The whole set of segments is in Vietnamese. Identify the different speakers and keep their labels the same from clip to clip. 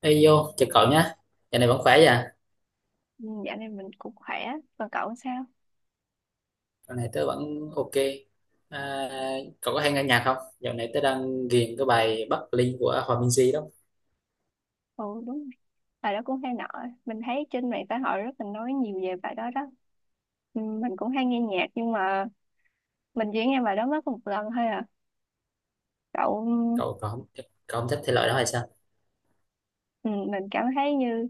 Speaker 1: Ê vô, chào cậu nhé. Dạo này vẫn khỏe vậy à?
Speaker 2: Ừ, dạo này mình cũng khỏe, còn cậu sao?
Speaker 1: Dạo này tớ vẫn ok. À, cậu có hay nghe nhạc không? Dạo này tớ đang ghiền cái bài Bắc Linh của Hòa Minzy đó.
Speaker 2: Ừ, đúng rồi. Bài đó cũng hay nọ. Mình thấy trên mạng xã hội rất là nói nhiều về bài đó đó. Ừ, mình cũng hay nghe nhạc nhưng mà mình chỉ nghe bài đó mất một lần thôi à. Cậu,
Speaker 1: Cậu cậu không thích thể loại đó hay sao?
Speaker 2: ừ, mình cảm thấy như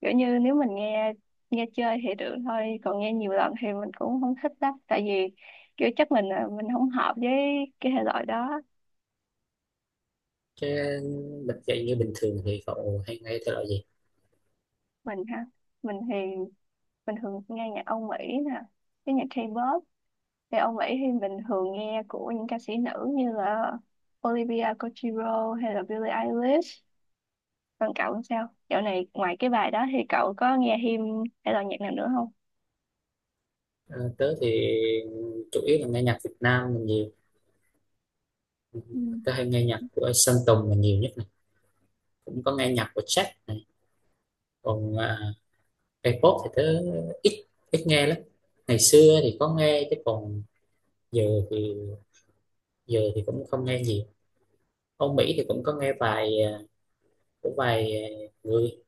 Speaker 2: kiểu như nếu mình nghe nghe chơi thì được thôi, còn nghe nhiều lần thì mình cũng không thích lắm. Tại vì kiểu chắc mình là mình không hợp với cái thể loại đó.
Speaker 1: Chứ bật dậy như bình thường thì cậu hay nghe thể loại gì?
Speaker 2: Mình ha, mình thì mình thường nghe nhạc Âu Mỹ nè, cái nhạc K-pop thì ông ấy thì mình thường nghe của những ca sĩ nữ như là Olivia Rodrigo hay là Billie Eilish. Còn cậu làm sao? Dạo này ngoài cái bài đó thì cậu có nghe him hay là nhạc nào nữa không?
Speaker 1: Ờ, Tớ thì chủ yếu là nghe nhạc Việt Nam là nhiều. Ừ.
Speaker 2: Ừ.
Speaker 1: Tớ hay nghe nhạc của Sơn Tùng là nhiều nhất này. Cũng có nghe nhạc của Jack này. Còn K-pop thì tớ ít ít nghe lắm. Ngày xưa thì có nghe chứ còn giờ thì giờ thì cũng không nghe nhiều. Âu Mỹ thì cũng có nghe vài của vài người,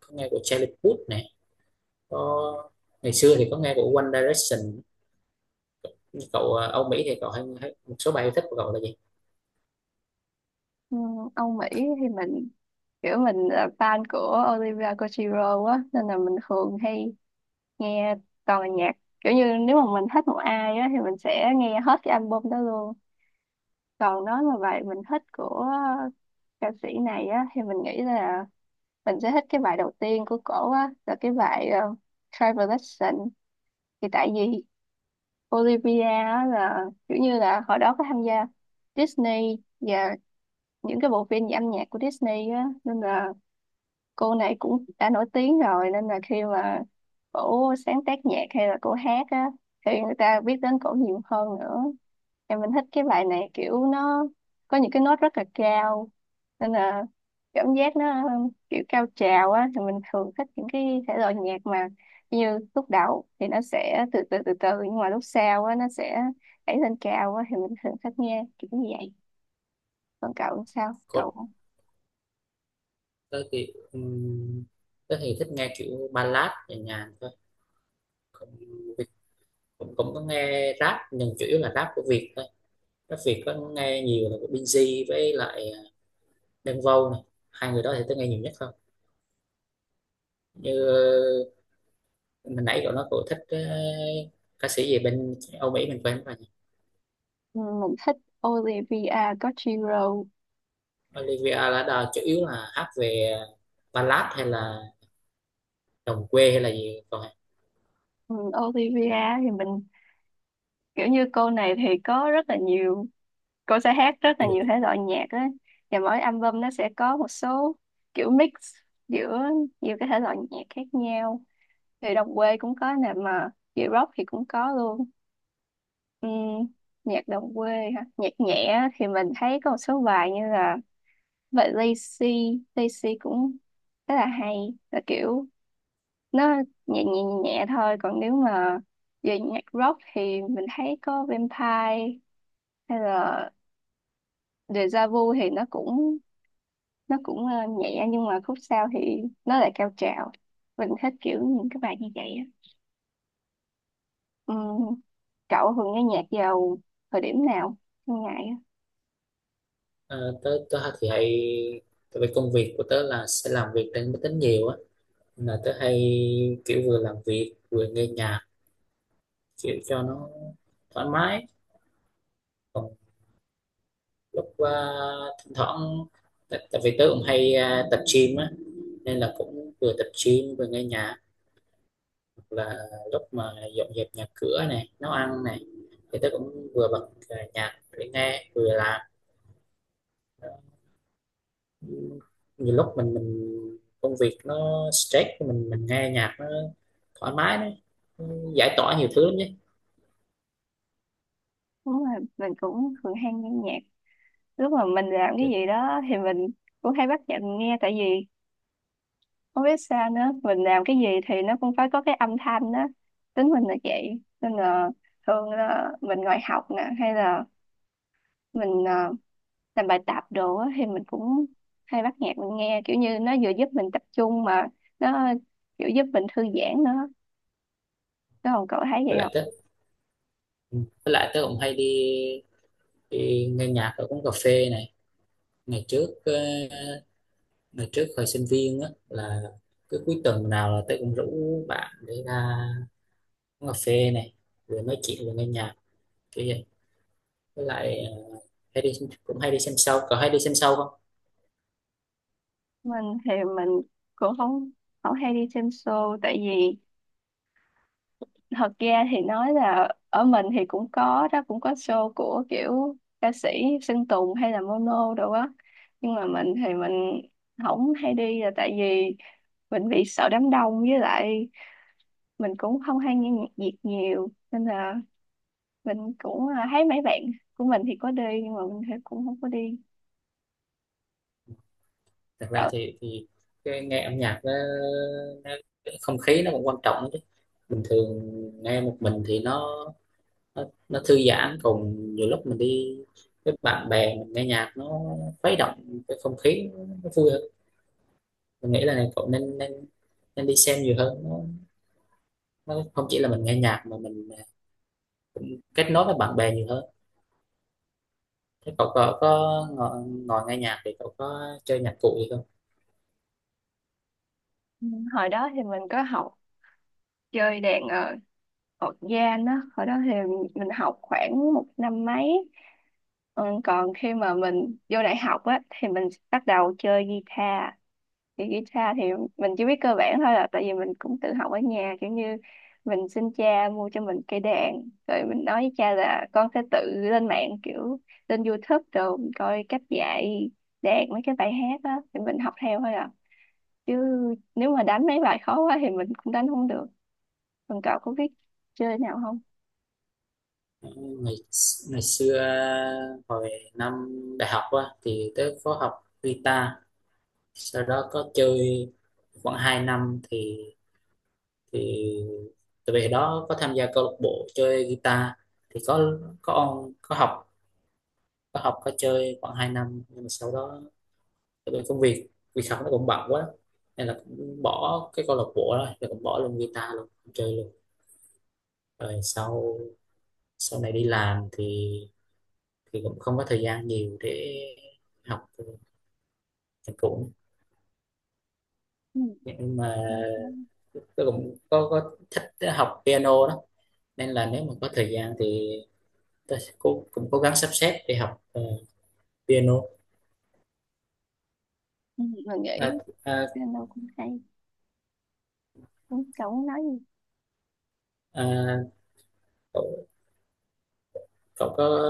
Speaker 1: có nghe của Charlie Puth này, có ngày xưa thì có nghe của One Direction. Nhưng cậu à, Âu Mỹ thì cậu hay một số bài yêu thích của cậu là gì?
Speaker 2: Ừ, Ông Mỹ thì mình kiểu mình là fan của Olivia Rodrigo á, nên là mình thường hay nghe toàn là nhạc kiểu như nếu mà mình thích một ai á thì mình sẽ nghe hết cái album đó luôn, còn nói mà bài mình thích của ca sĩ này á thì mình nghĩ là mình sẽ thích cái bài đầu tiên của cổ á, là cái bài Travel Lesson. Thì tại vì Olivia á là kiểu như là hồi đó có tham gia Disney và những cái bộ phim về âm nhạc của Disney á, nên là cô này cũng đã nổi tiếng rồi, nên là khi mà cổ sáng tác nhạc hay là cổ hát á thì người ta biết đến cổ nhiều hơn nữa. Em mình thích cái bài này kiểu nó có những cái nốt rất là cao, nên là cảm giác nó kiểu cao trào á, thì mình thường thích những cái thể loại nhạc mà như lúc đầu thì nó sẽ từ từ từ từ nhưng mà lúc sau á nó sẽ đẩy lên cao á, thì mình thường thích nghe kiểu như vậy. Còn cậu sao
Speaker 1: Có,
Speaker 2: cậu?
Speaker 1: tớ thì thích nghe kiểu ballad nhẹ nhàng thôi, cũng, cũng có nghe rap nhưng chủ yếu là rap của Việt thôi. Rap Việt có nghe nhiều là của Binz với lại Đen Vâu này, hai người đó thì tớ nghe nhiều nhất thôi. Như mình nãy cậu nói cậu thích ca sĩ gì bên Âu Mỹ mình quên rồi nhỉ?
Speaker 2: Ừ, mình thích Olivia Rodrigo.
Speaker 1: Olivia Ladar chủ yếu là hát về ballad hay là đồng quê hay là gì, còn
Speaker 2: Ừ, Olivia thì mình kiểu như cô này thì có rất là nhiều, cô sẽ hát rất là
Speaker 1: du
Speaker 2: nhiều
Speaker 1: lịch?
Speaker 2: thể loại nhạc á, và mỗi album nó sẽ có một số kiểu mix giữa nhiều cái thể loại nhạc khác nhau. Thì đồng quê cũng có nè mà chị rock thì cũng có luôn. Ừm, nhạc đồng quê hả, nhạc nhẹ á thì mình thấy có một số bài như là vậy Lazy Lazy cũng rất là hay, là kiểu nó nhẹ nhẹ nhẹ nhẹ thôi. Còn nếu mà về nhạc rock thì mình thấy có Vampire hay là Deja Vu thì nó cũng nhẹ nhưng mà khúc sau thì nó lại cao trào. Mình thích kiểu những cái bài như vậy á. Ừm, cậu thường nghe nhạc vào thời điểm nào trong ngày á?
Speaker 1: Ờ, tớ tớ thì hay, tại vì công việc của tớ là sẽ làm việc trên máy tính nhiều á, nên là tớ hay kiểu vừa làm việc vừa nghe nhạc kiểu cho nó thoải mái. Còn lúc thỉnh thoảng tại vì tớ cũng hay tập gym á nên là cũng vừa tập gym vừa nghe nhạc, là lúc mà dọn dẹp nhà cửa này, nấu ăn này thì tớ cũng vừa bật nhạc để nghe vừa làm. Nhiều lúc mình công việc nó stress, mình nghe nhạc nó thoải mái đấy, nó giải tỏa nhiều thứ lắm nhé.
Speaker 2: Đúng rồi, mình cũng thường hay nghe nhạc lúc mà mình làm cái gì đó thì mình cũng hay bắt nhạc mình nghe. Tại vì không biết sao nữa, mình làm cái gì thì nó cũng phải có cái âm thanh đó, tính mình là vậy, nên là thường là mình ngồi học nè hay là mình làm bài tập đồ á, thì mình cũng hay bắt nhạc mình nghe, kiểu như nó vừa giúp mình tập trung mà nó kiểu giúp mình thư giãn nữa. Đó, còn cậu thấy vậy
Speaker 1: Với
Speaker 2: không?
Speaker 1: lại tớ Ừ. Với lại tớ cũng hay đi, nghe nhạc ở quán cà phê này. Ngày trước ờ, ngày trước thời sinh viên á là cứ cuối tuần nào là tớ cũng rủ bạn để ra quán cà phê này, vừa nói chuyện vừa nghe nhạc kiểu vậy. Với lại hay đi cũng hay đi xem show. Cậu hay đi xem show không?
Speaker 2: Mình thì mình cũng không không hay đi xem show. Tại vì thật ra thì nói là ở mình thì cũng có đó, cũng có show của kiểu ca sĩ Sơn Tùng hay là Mono đồ á, nhưng mà mình thì mình không hay đi là tại vì mình bị sợ đám đông, với lại mình cũng không hay nghe nhạc Việt nhiều, nên là mình cũng thấy mấy bạn của mình thì có đi nhưng mà mình thì cũng không có đi.
Speaker 1: Thật ra
Speaker 2: Ở,
Speaker 1: thì nghe âm nhạc nó cái không khí nó cũng quan trọng lắm chứ. Bình thường nghe một mình thì nó thư giãn, còn nhiều lúc mình đi với bạn bè mình nghe nhạc nó khuấy động cái không khí, nó vui hơn. Mình nghĩ là này, cậu nên nên nên đi xem nhiều hơn, nó không chỉ là mình nghe nhạc mà mình kết nối với bạn bè nhiều hơn. Thế cậu có ngồi, nghe nhạc thì cậu có chơi nhạc cụ gì không?
Speaker 2: hồi đó thì mình có học chơi đàn Ở Gian á, hồi đó thì mình học khoảng một năm mấy. Ừ, còn khi mà mình vô đại học á, thì mình bắt đầu chơi guitar. Thì guitar thì mình chỉ biết cơ bản thôi, là tại vì mình cũng tự học ở nhà. Kiểu như mình xin cha mua cho mình cây đàn. Rồi mình nói với cha là con sẽ tự lên mạng kiểu lên YouTube rồi mình coi cách dạy đàn mấy cái bài hát á. Thì mình học theo thôi à. Chứ nếu mà đánh mấy bài khó quá thì mình cũng đánh không được. Còn cậu có biết chơi nào không?
Speaker 1: Ngày Ngày xưa hồi năm đại học á thì tớ có học guitar, sau đó có chơi khoảng 2 năm thì thì từ về đó có tham gia câu lạc bộ chơi guitar, thì có học, có chơi khoảng 2 năm nhưng mà sau đó tại vì công việc việc học nó cũng bận quá nên là cũng bỏ cái câu lạc bộ đó, rồi cũng bỏ luôn guitar luôn, không chơi luôn. Rồi sau sau này đi làm thì cũng không có thời gian nhiều để học nhạc cụ,
Speaker 2: Ừ.
Speaker 1: nhưng mà
Speaker 2: Ừ,
Speaker 1: tôi cũng có thích học piano đó, nên là nếu mà có thời gian thì tôi sẽ cũng cố gắng sắp xếp để học piano.
Speaker 2: mình
Speaker 1: à,
Speaker 2: nghĩ
Speaker 1: à,
Speaker 2: piano cũng hay, cũng chẳng nói gì.
Speaker 1: à, cậu, cậu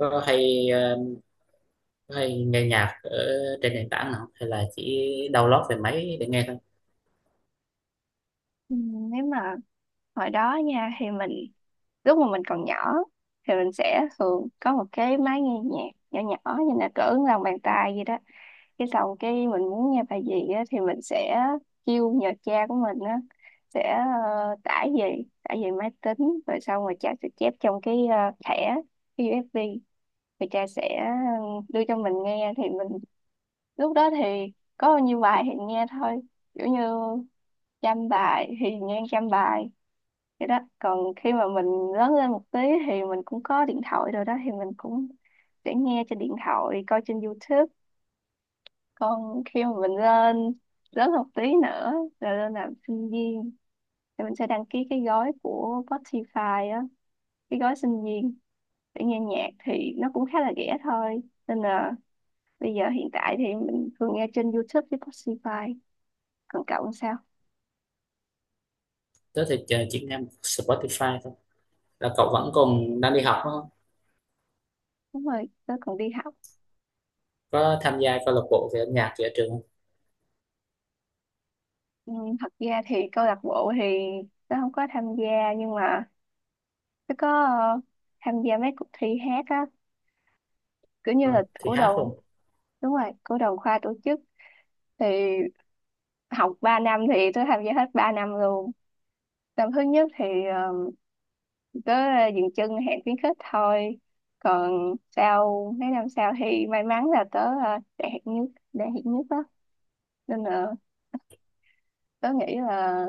Speaker 1: có hay ờ, có hay nghe nhạc ở trên nền tảng nào không? Hay là chỉ download về máy để nghe thôi?
Speaker 2: Ừ, nếu mà hồi đó nha thì mình lúc mà mình còn nhỏ thì mình sẽ thường có một cái máy nghe nhạc nhỏ nhỏ như là cỡ lòng bàn tay gì đó. Cái xong cái mình muốn nghe bài gì á, thì mình sẽ kêu nhờ cha của mình á sẽ tải về máy tính rồi xong rồi cha sẽ chép trong cái thẻ cái USB rồi cha sẽ đưa cho mình nghe. Thì mình lúc đó thì có bao nhiêu bài thì nghe thôi, kiểu như trăm bài thì nghe trăm bài vậy đó. Còn khi mà mình lớn lên một tí thì mình cũng có điện thoại rồi đó, thì mình cũng sẽ nghe trên điện thoại, coi trên YouTube. Còn khi mà mình lên lớn một tí nữa rồi lên làm sinh viên thì mình sẽ đăng ký cái gói của Spotify á, cái gói sinh viên, để nghe nhạc thì nó cũng khá là rẻ thôi. Nên là bây giờ hiện tại thì mình thường nghe trên YouTube với Spotify. Còn cậu làm sao?
Speaker 1: Tớ thì chỉ nghe Spotify thôi. Là cậu vẫn còn đang đi học đúng không?
Speaker 2: Đúng rồi, tớ còn đi học.
Speaker 1: Có tham gia câu lạc bộ về âm nhạc gì ở trường không?
Speaker 2: Ừ, thật ra thì câu lạc bộ thì tớ không có tham gia nhưng mà tớ có tham gia mấy cuộc thi hát á, kiểu như là
Speaker 1: Ờ, thì
Speaker 2: của đoàn.
Speaker 1: hát không?
Speaker 2: Đúng rồi, của đoàn khoa tổ chức. Thì học 3 năm thì tớ tham gia hết 3 năm luôn. Năm thứ nhất thì ờ, tớ dừng chân hẹn khuyến khích thôi. Còn sau mấy năm sau thì may mắn là tớ đạt hạng nhất á, nên là tớ nghĩ là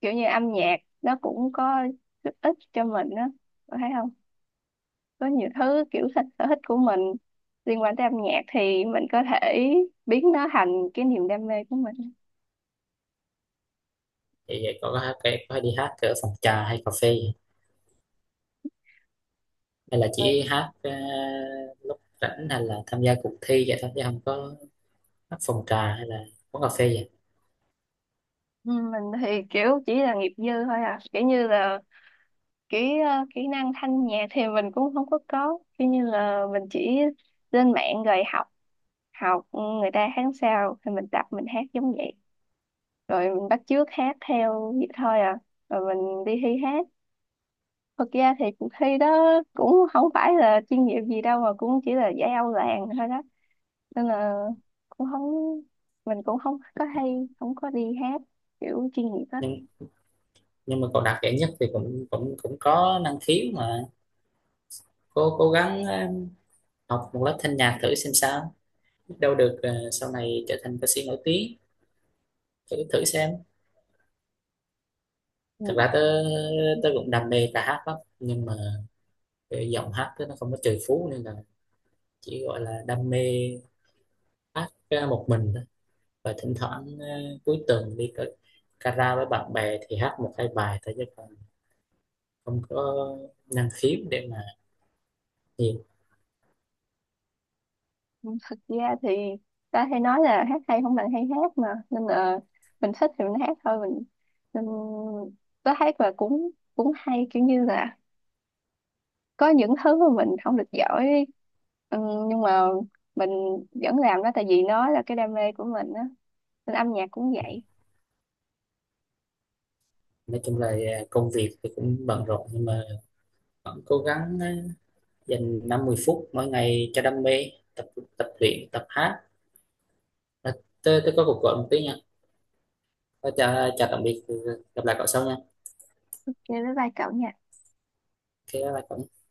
Speaker 2: kiểu như âm nhạc nó cũng có giúp ích cho mình á, có thấy không, có nhiều thứ kiểu thích sở thích của mình liên quan tới âm nhạc thì mình có thể biến nó thành cái niềm đam mê của mình.
Speaker 1: Thì có hát, có đi hát ở phòng trà hay cà phê, hay là chỉ hát lúc rảnh, hay là tham gia cuộc thi vậy thôi chứ không có hát phòng trà hay là quán cà phê vậy?
Speaker 2: Ừ, mình thì kiểu chỉ là nghiệp dư thôi à, kiểu như là cái kỹ năng thanh nhạc thì mình cũng không có kiểu như là mình chỉ lên mạng rồi học học người ta hát sao thì mình tập mình hát giống vậy, rồi mình bắt chước hát theo vậy thôi à, rồi mình đi thi hát. Thực ra thì cuộc thi đó cũng không phải là chuyên nghiệp gì đâu mà cũng chỉ là giải Âu làng thôi đó, nên là cũng không, mình cũng không có hay không có đi hát kiểu chuyên nghiệp á.
Speaker 1: nhưng nhưng mà cậu đạt giải nhất thì cũng cũng cũng có năng khiếu mà, cố cố gắng học một lớp thanh nhạc thử xem sao, biết đâu được sau này trở thành ca sĩ nổi tiếng, thử thử xem.
Speaker 2: Ừ.
Speaker 1: Thật ra tớ tớ cũng đam mê ca hát lắm nhưng mà cái giọng hát tớ nó không có trời phú nên là chỉ gọi là đam mê hát một mình thôi, và thỉnh thoảng cuối tuần đi kara với bạn bè thì hát một hai bài thôi chứ còn không có năng khiếu để mà nhiều.
Speaker 2: Thực ra thì ta hay nói là hát hay không bằng hay hát, mà nên là mình thích thì mình hát thôi. Mình nên tới hát và cũng cũng hay kiểu như là có những thứ mà mình không được giỏi, ừ, nhưng mà mình vẫn làm đó tại vì nó là cái đam mê của mình á. Nên âm nhạc cũng vậy.
Speaker 1: Nói chung là công việc thì cũng bận rộn nhưng mà vẫn cố gắng dành 50 phút mỗi ngày cho đam mê, tập tập luyện tập hát. à, tôi có cuộc gọi một tí nha. Ờ, chào chào tạm biệt, gặp lại cậu sau nha.
Speaker 2: Chơi với vai cậu nha.
Speaker 1: Ok, bye bye cậu.